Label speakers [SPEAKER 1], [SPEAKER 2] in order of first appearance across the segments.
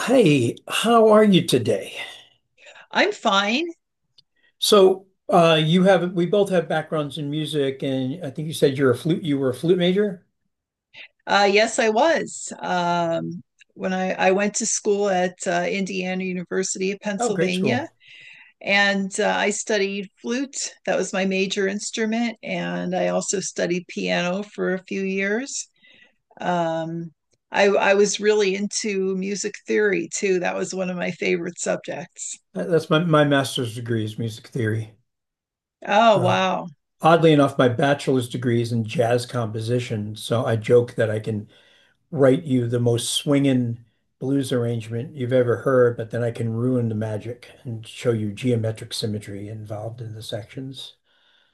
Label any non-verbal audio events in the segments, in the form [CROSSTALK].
[SPEAKER 1] Hey, how are you today?
[SPEAKER 2] I'm fine.
[SPEAKER 1] So you have we both have backgrounds in music, and I think you said you're a flute. You were a flute major.
[SPEAKER 2] Yes, I was. When I went to school at Indiana University of
[SPEAKER 1] Oh, great
[SPEAKER 2] Pennsylvania,
[SPEAKER 1] school.
[SPEAKER 2] and I studied flute. That was my major instrument, and I also studied piano for a few years. Um, I was really into music theory too. That was one of my favorite subjects.
[SPEAKER 1] That's my my master's degree is music theory.
[SPEAKER 2] Oh,
[SPEAKER 1] Uh,
[SPEAKER 2] wow.
[SPEAKER 1] Oddly enough, my bachelor's degree is in jazz composition. So I joke that I can write you the most swinging blues arrangement you've ever heard, but then I can ruin the magic and show you geometric symmetry involved in the sections.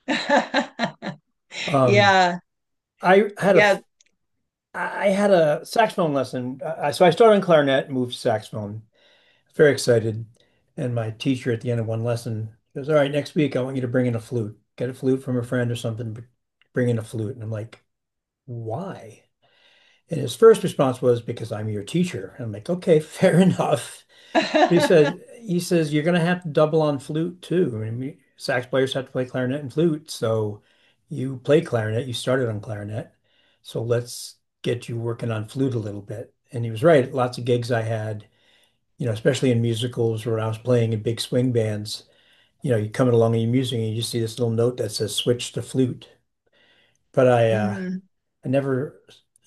[SPEAKER 2] [LAUGHS]
[SPEAKER 1] Um,
[SPEAKER 2] Yeah,
[SPEAKER 1] I had a
[SPEAKER 2] yeah.
[SPEAKER 1] f- I had a saxophone lesson. So I started in clarinet, moved to saxophone. Very excited. And my teacher at the end of one lesson goes, "All right, next week I want you to bring in a flute. Get a flute from a friend or something, but bring in a flute." And I'm like, "Why?" And his first response was, "Because I'm your teacher." And I'm like, "Okay," [LAUGHS] fair enough. But he says
[SPEAKER 2] [LAUGHS]
[SPEAKER 1] he says, "You're gonna have to double on flute too. I mean, sax players have to play clarinet and flute, so you play clarinet, you started on clarinet, so let's get you working on flute a little bit." And he was right. Lots of gigs I had, especially in musicals where I was playing in big swing bands. You know, you're coming along and you're musing and you just see this little note that says switch to flute. But
[SPEAKER 2] Hmm.
[SPEAKER 1] I never,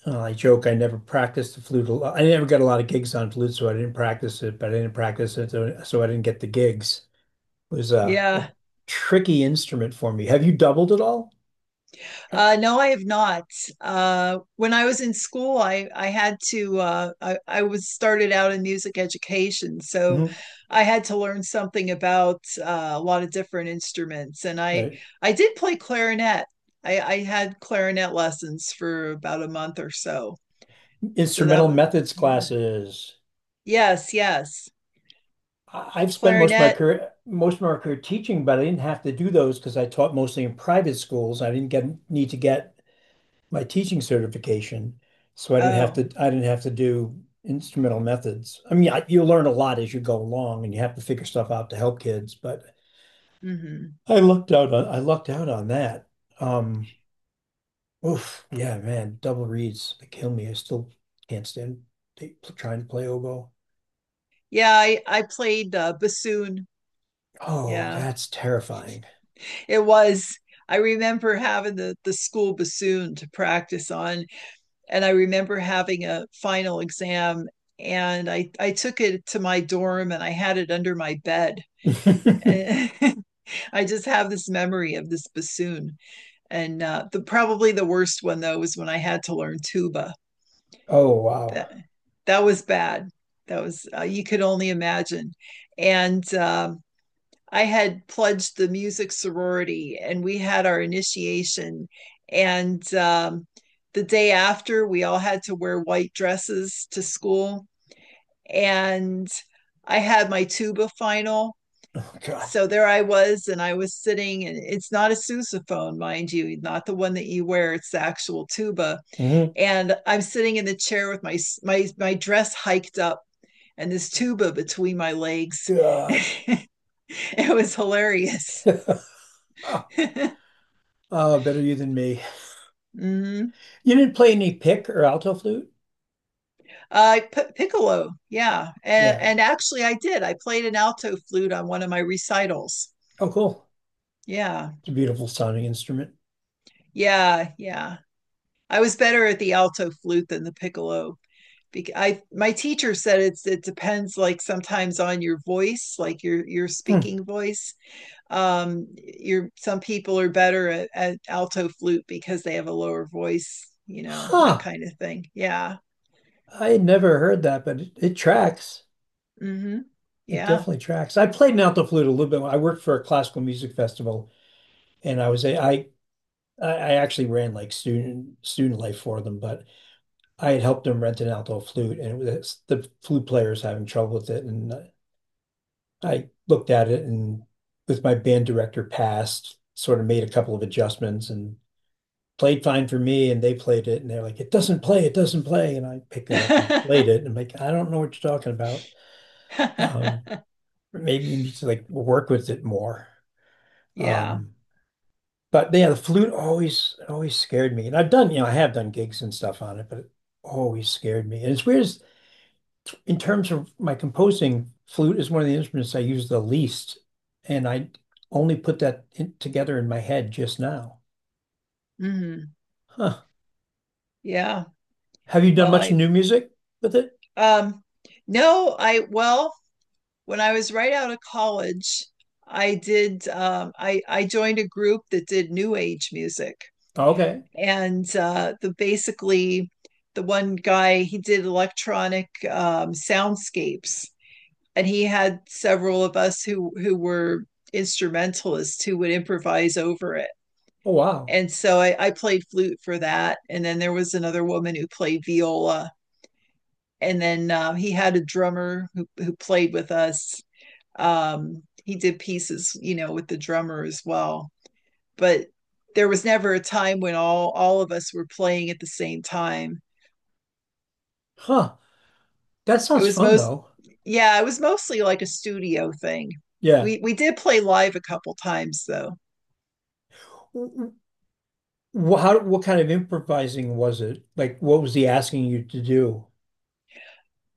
[SPEAKER 1] I joke, I never practiced the flute. I never got a lot of gigs on flute, so I didn't practice it, but I didn't practice it, so I didn't get the gigs. It was a
[SPEAKER 2] Yeah.
[SPEAKER 1] tricky instrument for me. Have you doubled at all? Yeah.
[SPEAKER 2] No, I have not. When I was in school, I had to. I was started out in music education, so
[SPEAKER 1] Mhm.
[SPEAKER 2] I had to learn something about a lot of different instruments. And I
[SPEAKER 1] Right.
[SPEAKER 2] I did play clarinet. I had clarinet lessons for about a month or so. So that
[SPEAKER 1] Instrumental
[SPEAKER 2] was
[SPEAKER 1] methods
[SPEAKER 2] yeah.
[SPEAKER 1] classes.
[SPEAKER 2] Yes, yes.
[SPEAKER 1] I've spent most of my
[SPEAKER 2] Clarinet.
[SPEAKER 1] career, most of my career teaching, but I didn't have to do those because I taught mostly in private schools. I didn't get need to get my teaching certification, so I didn't have
[SPEAKER 2] Oh,
[SPEAKER 1] to I didn't have to do instrumental methods. I mean, I, you learn a lot as you go along, and you have to figure stuff out to help kids. But
[SPEAKER 2] hmm.
[SPEAKER 1] I lucked out on I lucked out on that. Um, Oof, yeah, man, double reeds they kill me. I still can't stand they, trying to play oboe.
[SPEAKER 2] Yeah, I played bassoon.
[SPEAKER 1] Oh,
[SPEAKER 2] Yeah.
[SPEAKER 1] that's terrifying.
[SPEAKER 2] It was. I remember having the school bassoon to practice on, and I remember having a final exam. And I took it to my dorm and I had it under my bed.
[SPEAKER 1] [LAUGHS]
[SPEAKER 2] And [LAUGHS] I just have this memory of this bassoon. And the probably the worst one though was when I had to learn tuba.
[SPEAKER 1] Oh wow.
[SPEAKER 2] That that was bad. That was you could only imagine. And I had pledged the music sorority and we had our initiation. And the day after, we all had to wear white dresses to school. And I had my tuba final.
[SPEAKER 1] Oh God.
[SPEAKER 2] So there I was, and I was sitting, and it's not a sousaphone, mind you, not the one that you wear. It's the actual tuba,
[SPEAKER 1] Mhm.
[SPEAKER 2] and I'm sitting in the chair with my my dress hiked up and this tuba between my legs. [LAUGHS]
[SPEAKER 1] God.
[SPEAKER 2] It was hilarious.
[SPEAKER 1] [LAUGHS]
[SPEAKER 2] [LAUGHS]
[SPEAKER 1] Oh, better you than me.
[SPEAKER 2] Mm-hmm.
[SPEAKER 1] You didn't play any pick or alto flute?
[SPEAKER 2] Piccolo, yeah,
[SPEAKER 1] Yeah.
[SPEAKER 2] and actually, I did. I played an alto flute on one of my recitals.
[SPEAKER 1] Oh, cool.
[SPEAKER 2] Yeah,
[SPEAKER 1] It's a beautiful sounding instrument.
[SPEAKER 2] yeah, yeah. I was better at the alto flute than the piccolo. I my teacher said it's it depends like sometimes on your voice, like your
[SPEAKER 1] Hmm.
[SPEAKER 2] speaking voice. Your some people are better at alto flute because they have a lower voice, you know, that
[SPEAKER 1] Huh.
[SPEAKER 2] kind of thing. Yeah.
[SPEAKER 1] I had never heard that, but it tracks.
[SPEAKER 2] Mm-hmm.
[SPEAKER 1] It
[SPEAKER 2] Yeah.
[SPEAKER 1] definitely tracks. I played an alto flute a little bit. I worked for a classical music festival, and I was a I actually ran like student student life for them, but I had helped them rent an alto flute, and it was the flute player was having trouble with it, and I looked at it and with my band director past, sort of made a couple of adjustments and played fine for me and they played it and they're like, "It doesn't play, it doesn't play." And I picked it up and played it and I'm like, "I don't know what you're talking about." um
[SPEAKER 2] [LAUGHS]
[SPEAKER 1] Maybe you need to like work with it more.
[SPEAKER 2] Yeah.
[SPEAKER 1] um but yeah, the flute always always scared me, and I've done, you know, I have done gigs and stuff on it, but it always scared me. And it's weird, in terms of my composing, flute is one of the instruments I use the least, and I only put that in, together in my head just now.
[SPEAKER 2] Hmm.
[SPEAKER 1] Huh.
[SPEAKER 2] Yeah.
[SPEAKER 1] Have you done
[SPEAKER 2] Well,
[SPEAKER 1] much
[SPEAKER 2] I
[SPEAKER 1] new music with it?
[SPEAKER 2] um no, I well, when I was right out of college, I did I joined a group that did new age music.
[SPEAKER 1] Okay.
[SPEAKER 2] And the basically the one guy he did electronic soundscapes and he had several of us who were instrumentalists who would improvise over it.
[SPEAKER 1] Oh wow.
[SPEAKER 2] And so I played flute for that. And then there was another woman who played viola. And then he had a drummer who played with us. He did pieces, you know, with the drummer as well, but there was never a time when all of us were playing at the same time.
[SPEAKER 1] Huh. That
[SPEAKER 2] It
[SPEAKER 1] sounds
[SPEAKER 2] was
[SPEAKER 1] fun
[SPEAKER 2] most
[SPEAKER 1] though.
[SPEAKER 2] Yeah, it was mostly like a studio thing.
[SPEAKER 1] Yeah.
[SPEAKER 2] We did play live a couple times though.
[SPEAKER 1] W- How, what kind of improvising was it? Like, what was he asking you to do?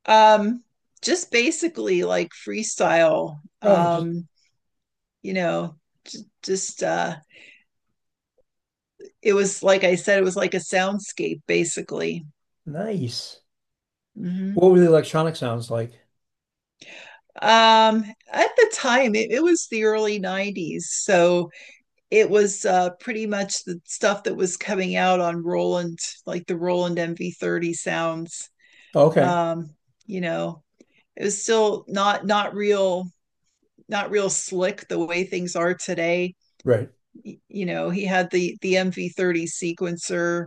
[SPEAKER 2] um just basically like freestyle.
[SPEAKER 1] Oh, I just,
[SPEAKER 2] Um you know j- just It was like I said, it was like a soundscape basically.
[SPEAKER 1] nice.
[SPEAKER 2] Mm-hmm.
[SPEAKER 1] What were the electronic sounds like?
[SPEAKER 2] Um, at the time, it was the early 90s. So it was pretty much the stuff that was coming out on Roland, like the Roland MV30 sounds.
[SPEAKER 1] Okay.
[SPEAKER 2] Um, you know, it was still not real, not real slick the way things are today.
[SPEAKER 1] Right.
[SPEAKER 2] You know, he had the MV30 sequencer,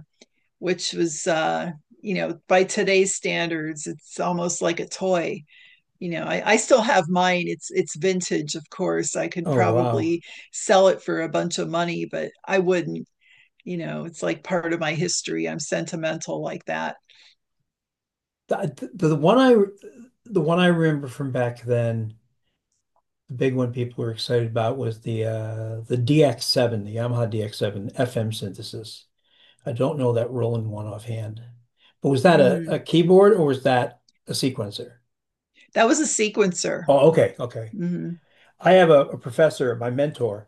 [SPEAKER 2] which was you know, by today's standards, it's almost like a toy. You know, I still have mine, it's vintage of course. I could
[SPEAKER 1] Oh, wow.
[SPEAKER 2] probably sell it for a bunch of money but I wouldn't. You know, it's like part of my history, I'm sentimental like that.
[SPEAKER 1] The, the, the one I, the one I remember from back then, the big one people were excited about was the DX7, the Yamaha DX7 FM synthesis. I don't know that Roland one offhand, but was that a
[SPEAKER 2] Mm-hmm.
[SPEAKER 1] keyboard or was that a sequencer?
[SPEAKER 2] That was a sequencer.
[SPEAKER 1] Oh, okay, okay.
[SPEAKER 2] Mm-hmm.
[SPEAKER 1] I have a professor, my mentor,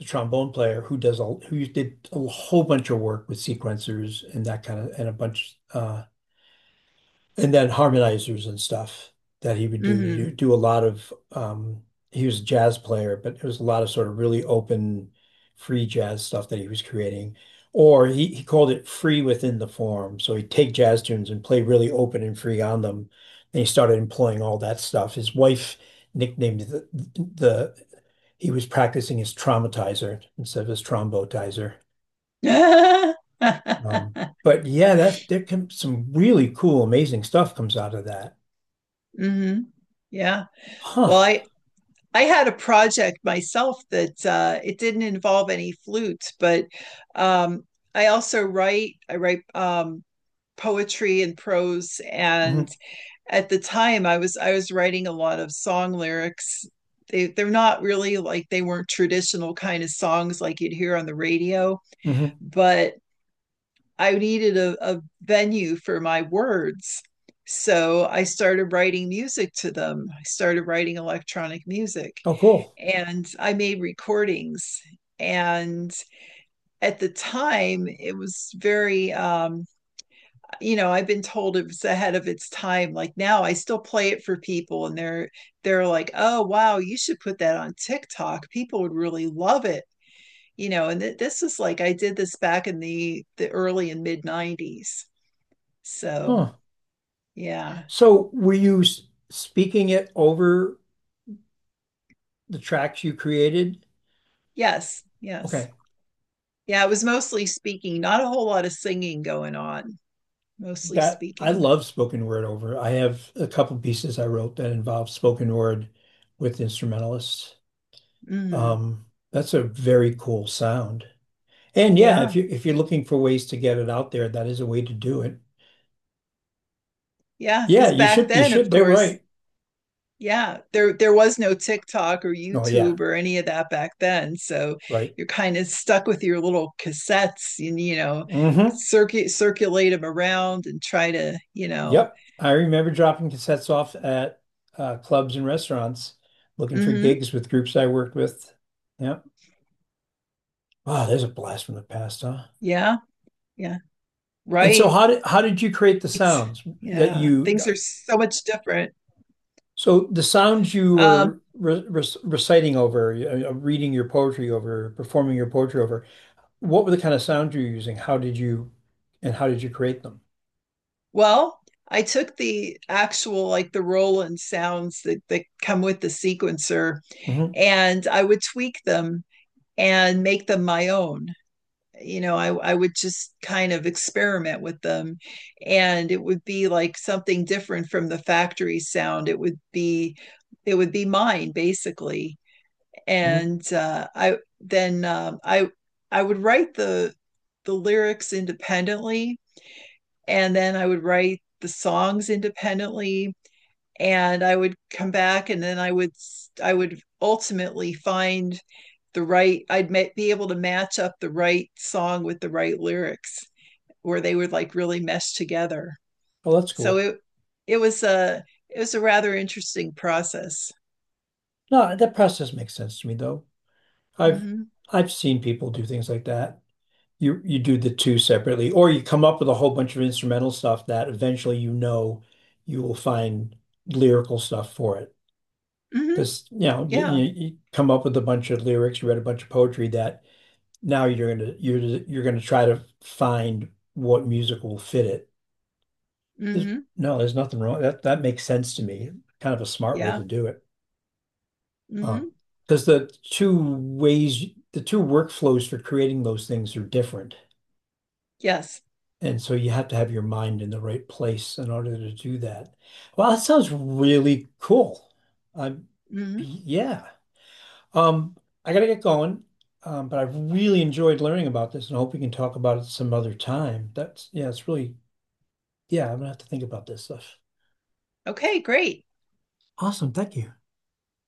[SPEAKER 1] a trombone player who does a who did a whole bunch of work with sequencers and that kind of and a bunch and then harmonizers and stuff that he would do to do,
[SPEAKER 2] Mm-hmm.
[SPEAKER 1] do a lot of he was a jazz player, but there was a lot of sort of really open free jazz stuff that he was creating. Or he called it free within the form. So he'd take jazz tunes and play really open and free on them. And he started employing all that stuff. His wife nicknamed the he was practicing his traumatizer instead of his trombotizer. Um, but yeah, that's there can some really cool, amazing stuff comes out of that.
[SPEAKER 2] [LAUGHS] Mm-hmm. Yeah,
[SPEAKER 1] Huh.
[SPEAKER 2] well, I had a project myself that it didn't involve any flute, but um, I also write. I write poetry and prose, and
[SPEAKER 1] Hmm.
[SPEAKER 2] at the time I was writing a lot of song lyrics. They they're not really like they weren't traditional kind of songs like you'd hear on the radio,
[SPEAKER 1] Hmm.
[SPEAKER 2] but I needed a venue for my words. So I started writing music to them. I started writing electronic music
[SPEAKER 1] Oh, cool.
[SPEAKER 2] and I made recordings. And at the time, it was very you know, I've been told it was ahead of its time. Like now I still play it for people and they're like, oh wow, you should put that on TikTok, people would really love it. You know, and this is like I did this back in the early and mid 90s, so
[SPEAKER 1] Huh.
[SPEAKER 2] yeah.
[SPEAKER 1] So were you speaking it over the tracks you created?
[SPEAKER 2] Yes, yes.
[SPEAKER 1] Okay.
[SPEAKER 2] Yeah, it was mostly speaking, not a whole lot of singing going on, mostly
[SPEAKER 1] That I
[SPEAKER 2] speaking.
[SPEAKER 1] love spoken word over. I have a couple pieces I wrote that involve spoken word with instrumentalists.
[SPEAKER 2] Hmm.
[SPEAKER 1] Um, that's a very cool sound. And yeah, if
[SPEAKER 2] Yeah,
[SPEAKER 1] you if you're looking for ways to get it out there, that is a way to do it.
[SPEAKER 2] yeah,
[SPEAKER 1] Yeah,
[SPEAKER 2] because
[SPEAKER 1] you
[SPEAKER 2] back
[SPEAKER 1] should you
[SPEAKER 2] then of
[SPEAKER 1] should. They're
[SPEAKER 2] course.
[SPEAKER 1] right.
[SPEAKER 2] Yeah, there was no TikTok or
[SPEAKER 1] Oh yeah,
[SPEAKER 2] YouTube or any of that back then. So
[SPEAKER 1] right.
[SPEAKER 2] you're kind of stuck with your little cassettes and, you know,
[SPEAKER 1] Hmm.
[SPEAKER 2] circuit circulate them around and try to, you know.
[SPEAKER 1] Yep. I remember dropping cassettes off at clubs and restaurants looking for
[SPEAKER 2] Hmm.
[SPEAKER 1] gigs with groups I worked with. Yep. Wow, there's a blast from the past, huh?
[SPEAKER 2] Yeah, yeah.
[SPEAKER 1] And so
[SPEAKER 2] Right.
[SPEAKER 1] how did you create the sounds that
[SPEAKER 2] Yeah.
[SPEAKER 1] you
[SPEAKER 2] Things are so much different.
[SPEAKER 1] so the sounds you
[SPEAKER 2] Um,
[SPEAKER 1] were re re reciting over, reading your poetry over, performing your poetry over, what were the kind of sounds you were using? How did you and how did you create them?
[SPEAKER 2] well, I took the actual like the Roland sounds that, that come with the sequencer
[SPEAKER 1] Hmm.
[SPEAKER 2] and I would tweak them and make them my own. You know, I would just kind of experiment with them and it would be like something different from the factory sound, it would be, it would be mine basically.
[SPEAKER 1] Hmm.
[SPEAKER 2] And I would write the lyrics independently, and then I would write the songs independently, and I would come back and then I would, I would ultimately find the right, I'd be able to match up the right song with the right lyrics where they would like really mesh together.
[SPEAKER 1] Oh, that's
[SPEAKER 2] So
[SPEAKER 1] cool.
[SPEAKER 2] it was a, it was a rather interesting process.
[SPEAKER 1] No, that process makes sense to me though. I've
[SPEAKER 2] Mm-hmm.
[SPEAKER 1] I've seen people do things like that. You do the two separately, or you come up with a whole bunch of instrumental stuff that eventually, you know, you will find lyrical stuff for it.
[SPEAKER 2] Mm-hmm.
[SPEAKER 1] Because you know you,
[SPEAKER 2] Yeah.
[SPEAKER 1] you come up with a bunch of lyrics, you read a bunch of poetry that now you're gonna try to find what music will fit it. There's,
[SPEAKER 2] Mm-hmm.
[SPEAKER 1] no, there's nothing wrong. That that makes sense to me. Kind of a smart way
[SPEAKER 2] Yeah.
[SPEAKER 1] to do it. Um,
[SPEAKER 2] Mm-hmm.
[SPEAKER 1] because the two ways, the two workflows for creating those things are different.
[SPEAKER 2] Yes.
[SPEAKER 1] And so you have to have your mind in the right place in order to do that. Well, that sounds really cool. Um,
[SPEAKER 2] Mm-hmm.
[SPEAKER 1] yeah. Um, I gotta get going. But I've really enjoyed learning about this and I hope we can talk about it some other time. That's, yeah, it's really, yeah, I'm gonna have to think about this stuff.
[SPEAKER 2] Okay, great.
[SPEAKER 1] Awesome. Thank you.